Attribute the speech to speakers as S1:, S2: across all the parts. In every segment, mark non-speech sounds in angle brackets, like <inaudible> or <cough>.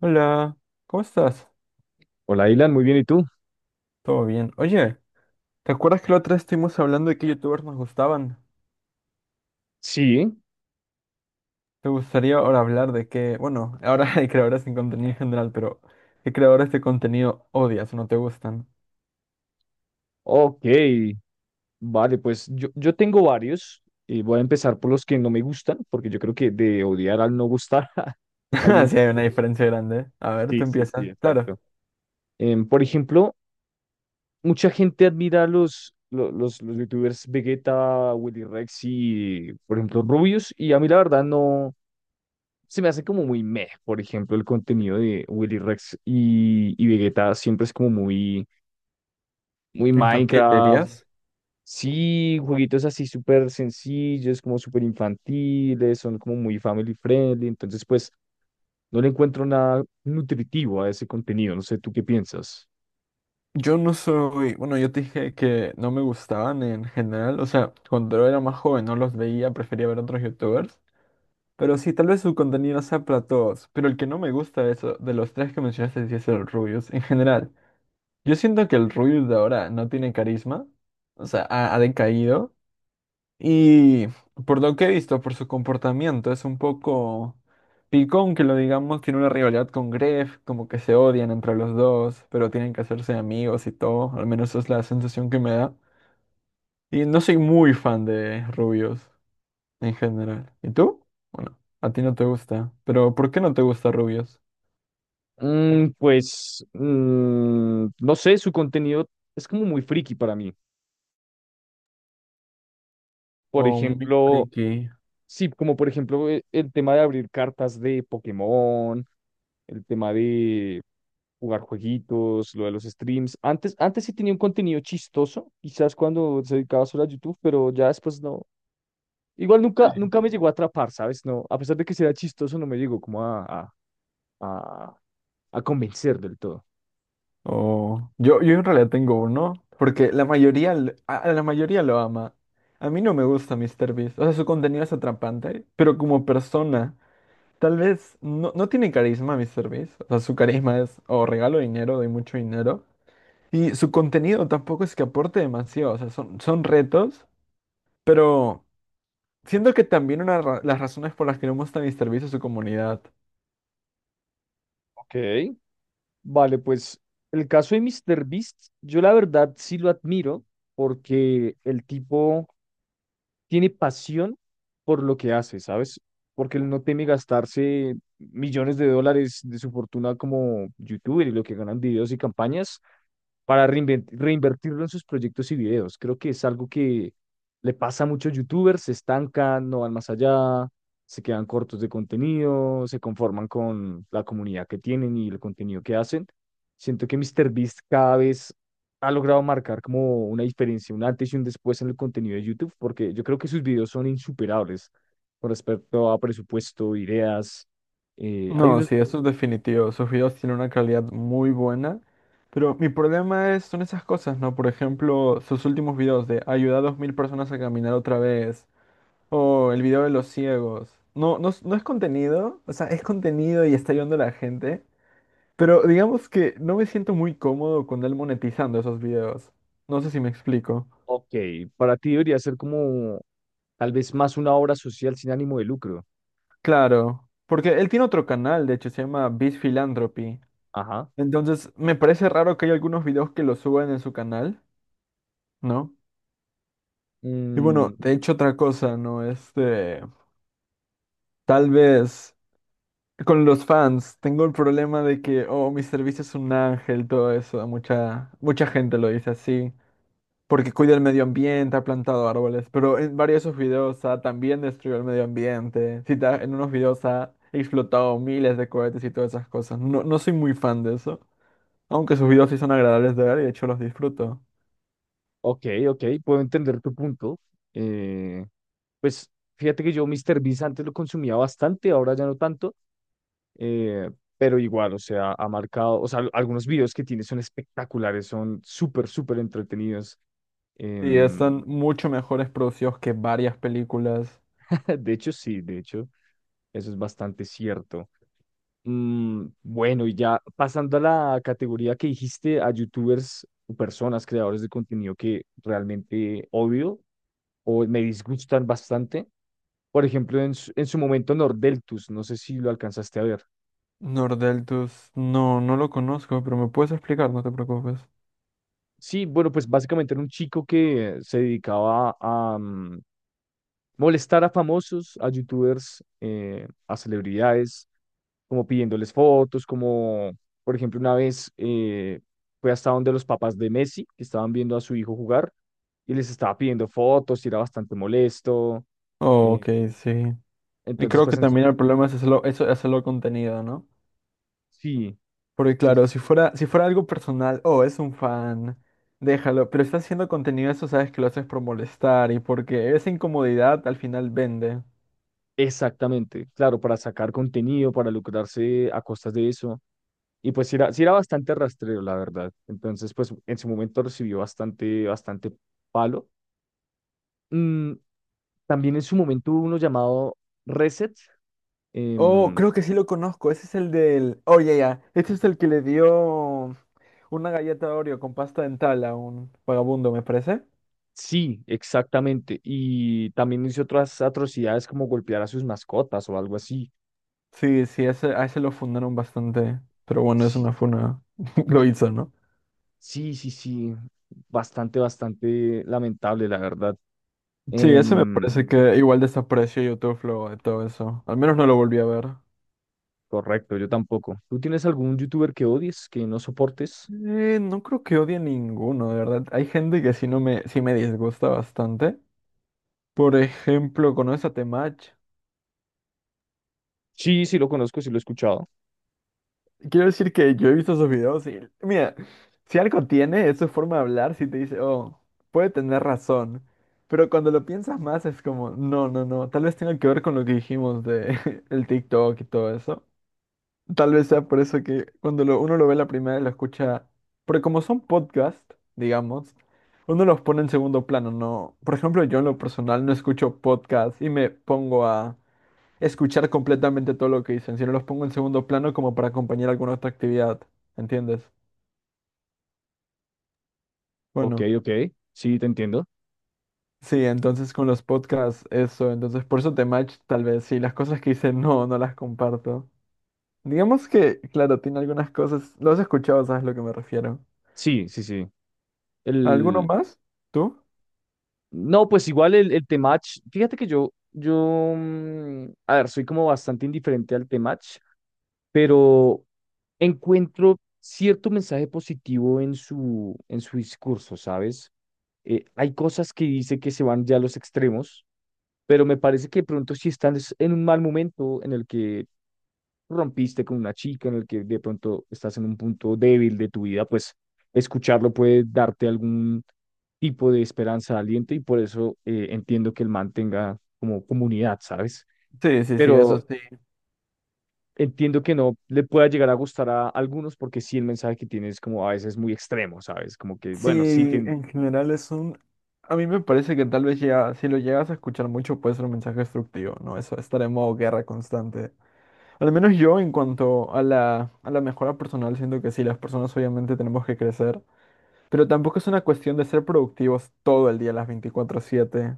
S1: Hola, ¿cómo estás?
S2: Hola, Ilan, muy bien, ¿y tú?
S1: ¿Todo bien? Oye, ¿te acuerdas que la otra vez estuvimos hablando de qué youtubers nos gustaban?
S2: Sí.
S1: ¿Te gustaría ahora hablar de qué, bueno, ahora <laughs> hay creadores sin contenido en general, pero qué creadores de contenido odias o no te gustan?
S2: Ok, vale, pues yo tengo varios y voy a empezar por los que no me gustan, porque yo creo que de odiar al no gustar <laughs> hay
S1: <laughs>
S2: un
S1: Sí, hay una
S2: montón.
S1: diferencia grande. A ver,
S2: Sí,
S1: tú
S2: sí, sí,
S1: empiezas. Claro,
S2: exacto. Por ejemplo, mucha gente admira a los youtubers Vegeta, Willy Rex y, por ejemplo, Rubius, y a mí la verdad no, se me hace como muy meh. Por ejemplo, el contenido de Willy Rex y Vegeta siempre es como muy, muy
S1: infantil,
S2: Minecraft.
S1: dirías.
S2: Sí, jueguitos así súper sencillos, como súper infantiles, son como muy family friendly, entonces pues no le encuentro nada nutritivo a ese contenido. No sé, ¿tú qué piensas?
S1: Yo no soy, bueno, yo te dije que no me gustaban en general, o sea, cuando era más joven no los veía, prefería ver otros youtubers. Pero sí, tal vez su contenido sea para todos, pero el que no me gusta de eso, de los tres que mencionaste, sí es el Rubius en general. Yo siento que el Rubius de ahora no tiene carisma, o sea, ha decaído, y por lo que he visto, por su comportamiento, es un poco picón que lo digamos, tiene una rivalidad con Gref, como que se odian entre los dos, pero tienen que hacerse amigos y todo, al menos esa es la sensación que me da. Y no soy muy fan de Rubius en general. ¿Y tú? Bueno, a ti no te gusta, pero ¿por qué no te gusta rubios?
S2: Pues, no sé, su contenido es como muy friki para mí. Por
S1: O muy
S2: ejemplo,
S1: friki,
S2: sí, como por ejemplo, el tema de abrir cartas de Pokémon, el tema de jugar jueguitos, lo de los streams. Antes, antes sí tenía un contenido chistoso, quizás cuando se dedicaba solo a YouTube, pero ya después no. Igual nunca, nunca me llegó a atrapar, ¿sabes? No, a pesar de que sí era chistoso, no me llegó como a, a convencer del todo.
S1: o... Yo en realidad tengo uno, porque la mayoría, a la mayoría lo ama. A mí no me gusta míster Beast. O sea, su contenido es atrapante, pero como persona, tal vez no, no tiene carisma míster Beast. O sea, su carisma es o regalo dinero, doy mucho dinero, y su contenido tampoco es que aporte demasiado, o sea, son retos, pero... Siento que también una las razones por las que no gusta MrBeast es su comunidad.
S2: Ok, vale, pues el caso de MrBeast, yo la verdad sí lo admiro porque el tipo tiene pasión por lo que hace, ¿sabes? Porque él no teme gastarse millones de dólares de su fortuna como youtuber y lo que ganan videos y campañas para reinvertirlo en sus proyectos y videos. Creo que es algo que le pasa a muchos youtubers: se estancan, no van más allá, se quedan cortos de contenido, se conforman con la comunidad que tienen y el contenido que hacen. Siento que MrBeast cada vez ha logrado marcar como una diferencia, un antes y un después en el contenido de YouTube, porque yo creo que sus videos son insuperables con respecto a presupuesto, ideas. Hay
S1: No,
S2: unos.
S1: sí, eso es definitivo. Sus videos tienen una calidad muy buena. Pero mi problema es, son esas cosas, ¿no? Por ejemplo, sus últimos videos de ayudar a 2000 personas a caminar otra vez. O el video de los ciegos. No, no, no es contenido. O sea, es contenido y está ayudando a la gente. Pero digamos que no me siento muy cómodo con él monetizando esos videos. No sé si me explico.
S2: Ok, para ti debería ser como tal vez más una obra social sin ánimo de lucro.
S1: Claro. Porque él tiene otro canal, de hecho, se llama Beast Philanthropy.
S2: Ajá.
S1: Entonces, me parece raro que hay algunos videos que lo suban en su canal, ¿no? Y bueno,
S2: Mm,
S1: de hecho otra cosa, ¿no? Este, tal vez con los fans tengo el problema de que, oh, mi servicio es un ángel, todo eso, mucha gente lo dice así, porque cuida el medio ambiente, ha plantado árboles, pero en varios de sus videos ha también destruido el medio ambiente, sí, en unos videos ha explotado miles de cohetes y todas esas cosas. No, no soy muy fan de eso, aunque sus videos sí son agradables de ver y de hecho los disfruto.
S2: ok, ok, puedo entender tu punto. Eh, pues fíjate que yo Mr. Beast antes lo consumía bastante, ahora ya no tanto, eh, pero igual, o sea, ha marcado. O sea, algunos videos que tiene son espectaculares, son súper, súper entretenidos.
S1: Sí,
S2: Em,
S1: están mucho mejores producidos que varias películas.
S2: <laughs> de hecho, sí, de hecho, eso es bastante cierto. Bueno, y ya pasando a la categoría que dijiste, a youtubers o personas, creadores de contenido que realmente odio o me disgustan bastante. Por ejemplo, en su momento Nordeltus, no sé si lo alcanzaste a ver.
S1: Nordeltus, no, no lo conozco, pero me puedes explicar, no te preocupes.
S2: Sí, bueno, pues básicamente era un chico que se dedicaba a molestar a famosos, a youtubers, a celebridades, como pidiéndoles fotos, como por ejemplo una vez fue hasta donde los papás de Messi, que estaban viendo a su hijo jugar, y les estaba pidiendo fotos y era bastante molesto.
S1: Oh,
S2: eh,
S1: ok, sí. Y
S2: entonces,
S1: creo
S2: pues
S1: que también el problema es hacerlo, eso, hacerlo contenido, ¿no?
S2: sí,
S1: Porque
S2: sí,
S1: claro,
S2: sí,
S1: si fuera algo personal, oh, es un fan, déjalo, pero estás haciendo contenido, eso sabes que lo haces por molestar y porque esa incomodidad al final vende.
S2: exactamente, claro, para sacar contenido, para lucrarse a costas de eso. Y pues sí era bastante rastrero, la verdad. Entonces, pues en su momento recibió bastante, bastante palo. Mm, También en su momento hubo uno llamado Reset.
S1: Oh,
S2: em,
S1: creo que sí lo conozco, ese es el del... Oh, ya, ya, este es el que le dio... Una galleta Oreo con pasta dental a un vagabundo, me parece.
S2: sí, exactamente. Y también hizo otras atrocidades como golpear a sus mascotas o algo así.
S1: Sí, sí, ese, a ese lo fundaron bastante. Pero bueno, es una
S2: Sí,
S1: funa. <laughs> Lo hizo, ¿no?
S2: sí, sí, sí. Bastante, bastante lamentable, la verdad.
S1: Sí, ese me
S2: Em,
S1: parece que igual desapareció YouTube luego de todo eso. Al menos no lo volví a ver.
S2: Correcto, yo tampoco. ¿Tú tienes algún youtuber que odies, que no soportes?
S1: No creo que odie ninguno, de verdad. Hay gente que sí no me, sí me disgusta bastante. Por ejemplo, ¿conoces a Temach?
S2: Sí, sí, lo conozco, sí lo he escuchado.
S1: Quiero decir que yo he visto sus videos y, mira, si algo tiene, es su forma de hablar, si te dice, oh, puede tener razón. Pero cuando lo piensas más es como, no, no, no, tal vez tenga que ver con lo que dijimos de <laughs> el TikTok y todo eso. Tal vez sea por eso que cuando uno lo ve la primera y lo escucha, porque como son podcasts, digamos, uno los pone en segundo plano, ¿no? Por ejemplo, yo en lo personal no escucho podcasts y me pongo a escuchar completamente todo lo que dicen, sino los pongo en segundo plano como para acompañar alguna otra actividad, ¿entiendes?
S2: Ok,
S1: Bueno,
S2: ok. Sí, te entiendo.
S1: sí, entonces con los podcasts, eso, entonces por eso te match tal vez, sí, las cosas que hice no, no las comparto. Digamos que, claro, tiene algunas cosas, lo has escuchado, sabes a lo que me refiero.
S2: Sí, sí, sí.
S1: ¿Alguno
S2: el
S1: más? ¿Tú?
S2: No, pues igual el Temach, fíjate que yo, a ver, soy como bastante indiferente al Temach, pero encuentro cierto mensaje positivo en su discurso, ¿sabes? Hay cosas que dice que se van ya a los extremos, pero me parece que de pronto sí están en un mal momento en el que rompiste con una chica, en el que de pronto estás en un punto débil de tu vida. Pues escucharlo puede darte algún tipo de esperanza, de aliento, y por eso entiendo que el man tenga como comunidad, ¿sabes?
S1: Sí, sí, sí, eso
S2: Pero
S1: sí.
S2: entiendo que no le pueda llegar a gustar a algunos, porque sí, el mensaje que tiene es como a veces muy extremo, ¿sabes? Como que, bueno, sí,
S1: Sí, en general es un... A mí me parece que tal vez ya, si lo llegas a escuchar mucho puede ser un mensaje destructivo, ¿no? Eso, estar en modo guerra constante. Al menos yo en cuanto a la mejora personal, siento que sí, las personas obviamente tenemos que crecer, pero tampoco es una cuestión de ser productivos todo el día, las 24/7.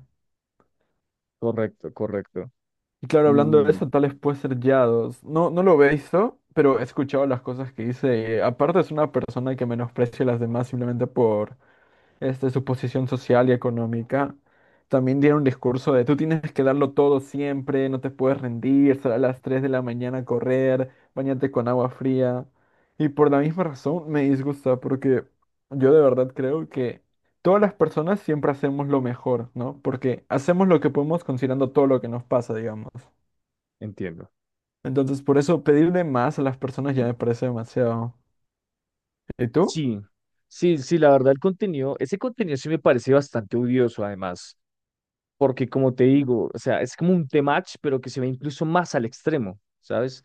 S2: correcto, correcto.
S1: Y claro, hablando de
S2: Mm,
S1: eso, tales vez puede ser Yados. No, no lo he visto, pero he escuchado las cosas que dice. Y, aparte es una persona que menosprecia a las demás simplemente por, este, su posición social y económica, también dieron un discurso de tú tienes que darlo todo siempre, no te puedes rendir, sal a las 3 de la mañana a correr, bañate con agua fría. Y por la misma razón me disgusta, porque yo de verdad creo que todas las personas siempre hacemos lo mejor, ¿no? Porque hacemos lo que podemos considerando todo lo que nos pasa, digamos.
S2: Entiendo.
S1: Entonces, por eso pedirle más a las personas ya me parece demasiado. ¿Y tú?
S2: Sí, sí, sí, la verdad el contenido, ese contenido sí me parece bastante odioso, además porque como te digo, o sea, es como un tematch, pero que se ve incluso más al extremo, ¿sabes?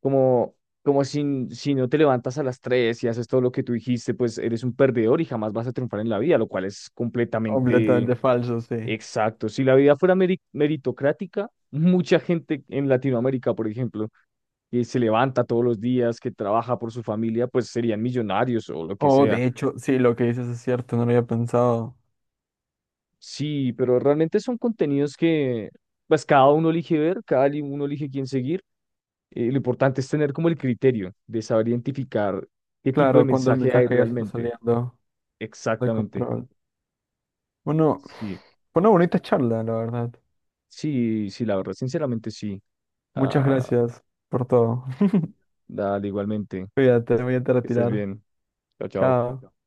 S2: Como, como si, no te levantas a las 3 y haces todo lo que tú dijiste, pues eres un perdedor y jamás vas a triunfar en la vida, lo cual es completamente
S1: Completamente falso, sí.
S2: exacto. Si la vida fuera meritocrática, mucha gente en Latinoamérica, por ejemplo, que se levanta todos los días, que trabaja por su familia, pues serían millonarios o lo que
S1: Oh,
S2: sea.
S1: de hecho, sí, lo que dices es cierto, no lo había pensado.
S2: Sí, pero realmente son contenidos que pues cada uno elige ver, cada uno elige quién seguir. Lo importante es tener como el criterio de saber identificar qué tipo de
S1: Claro, cuando el
S2: mensaje hay
S1: mensaje ya se está
S2: realmente.
S1: saliendo de
S2: Exactamente.
S1: control. Bueno,
S2: Sí,
S1: fue una bonita charla, la verdad.
S2: sí, sí, la verdad, sinceramente sí.
S1: Muchas
S2: Ah,
S1: gracias por todo. <laughs>
S2: dale, igualmente.
S1: Cuídate, voy a te
S2: Que estés
S1: retirar.
S2: bien. Chao, chao.
S1: Chao.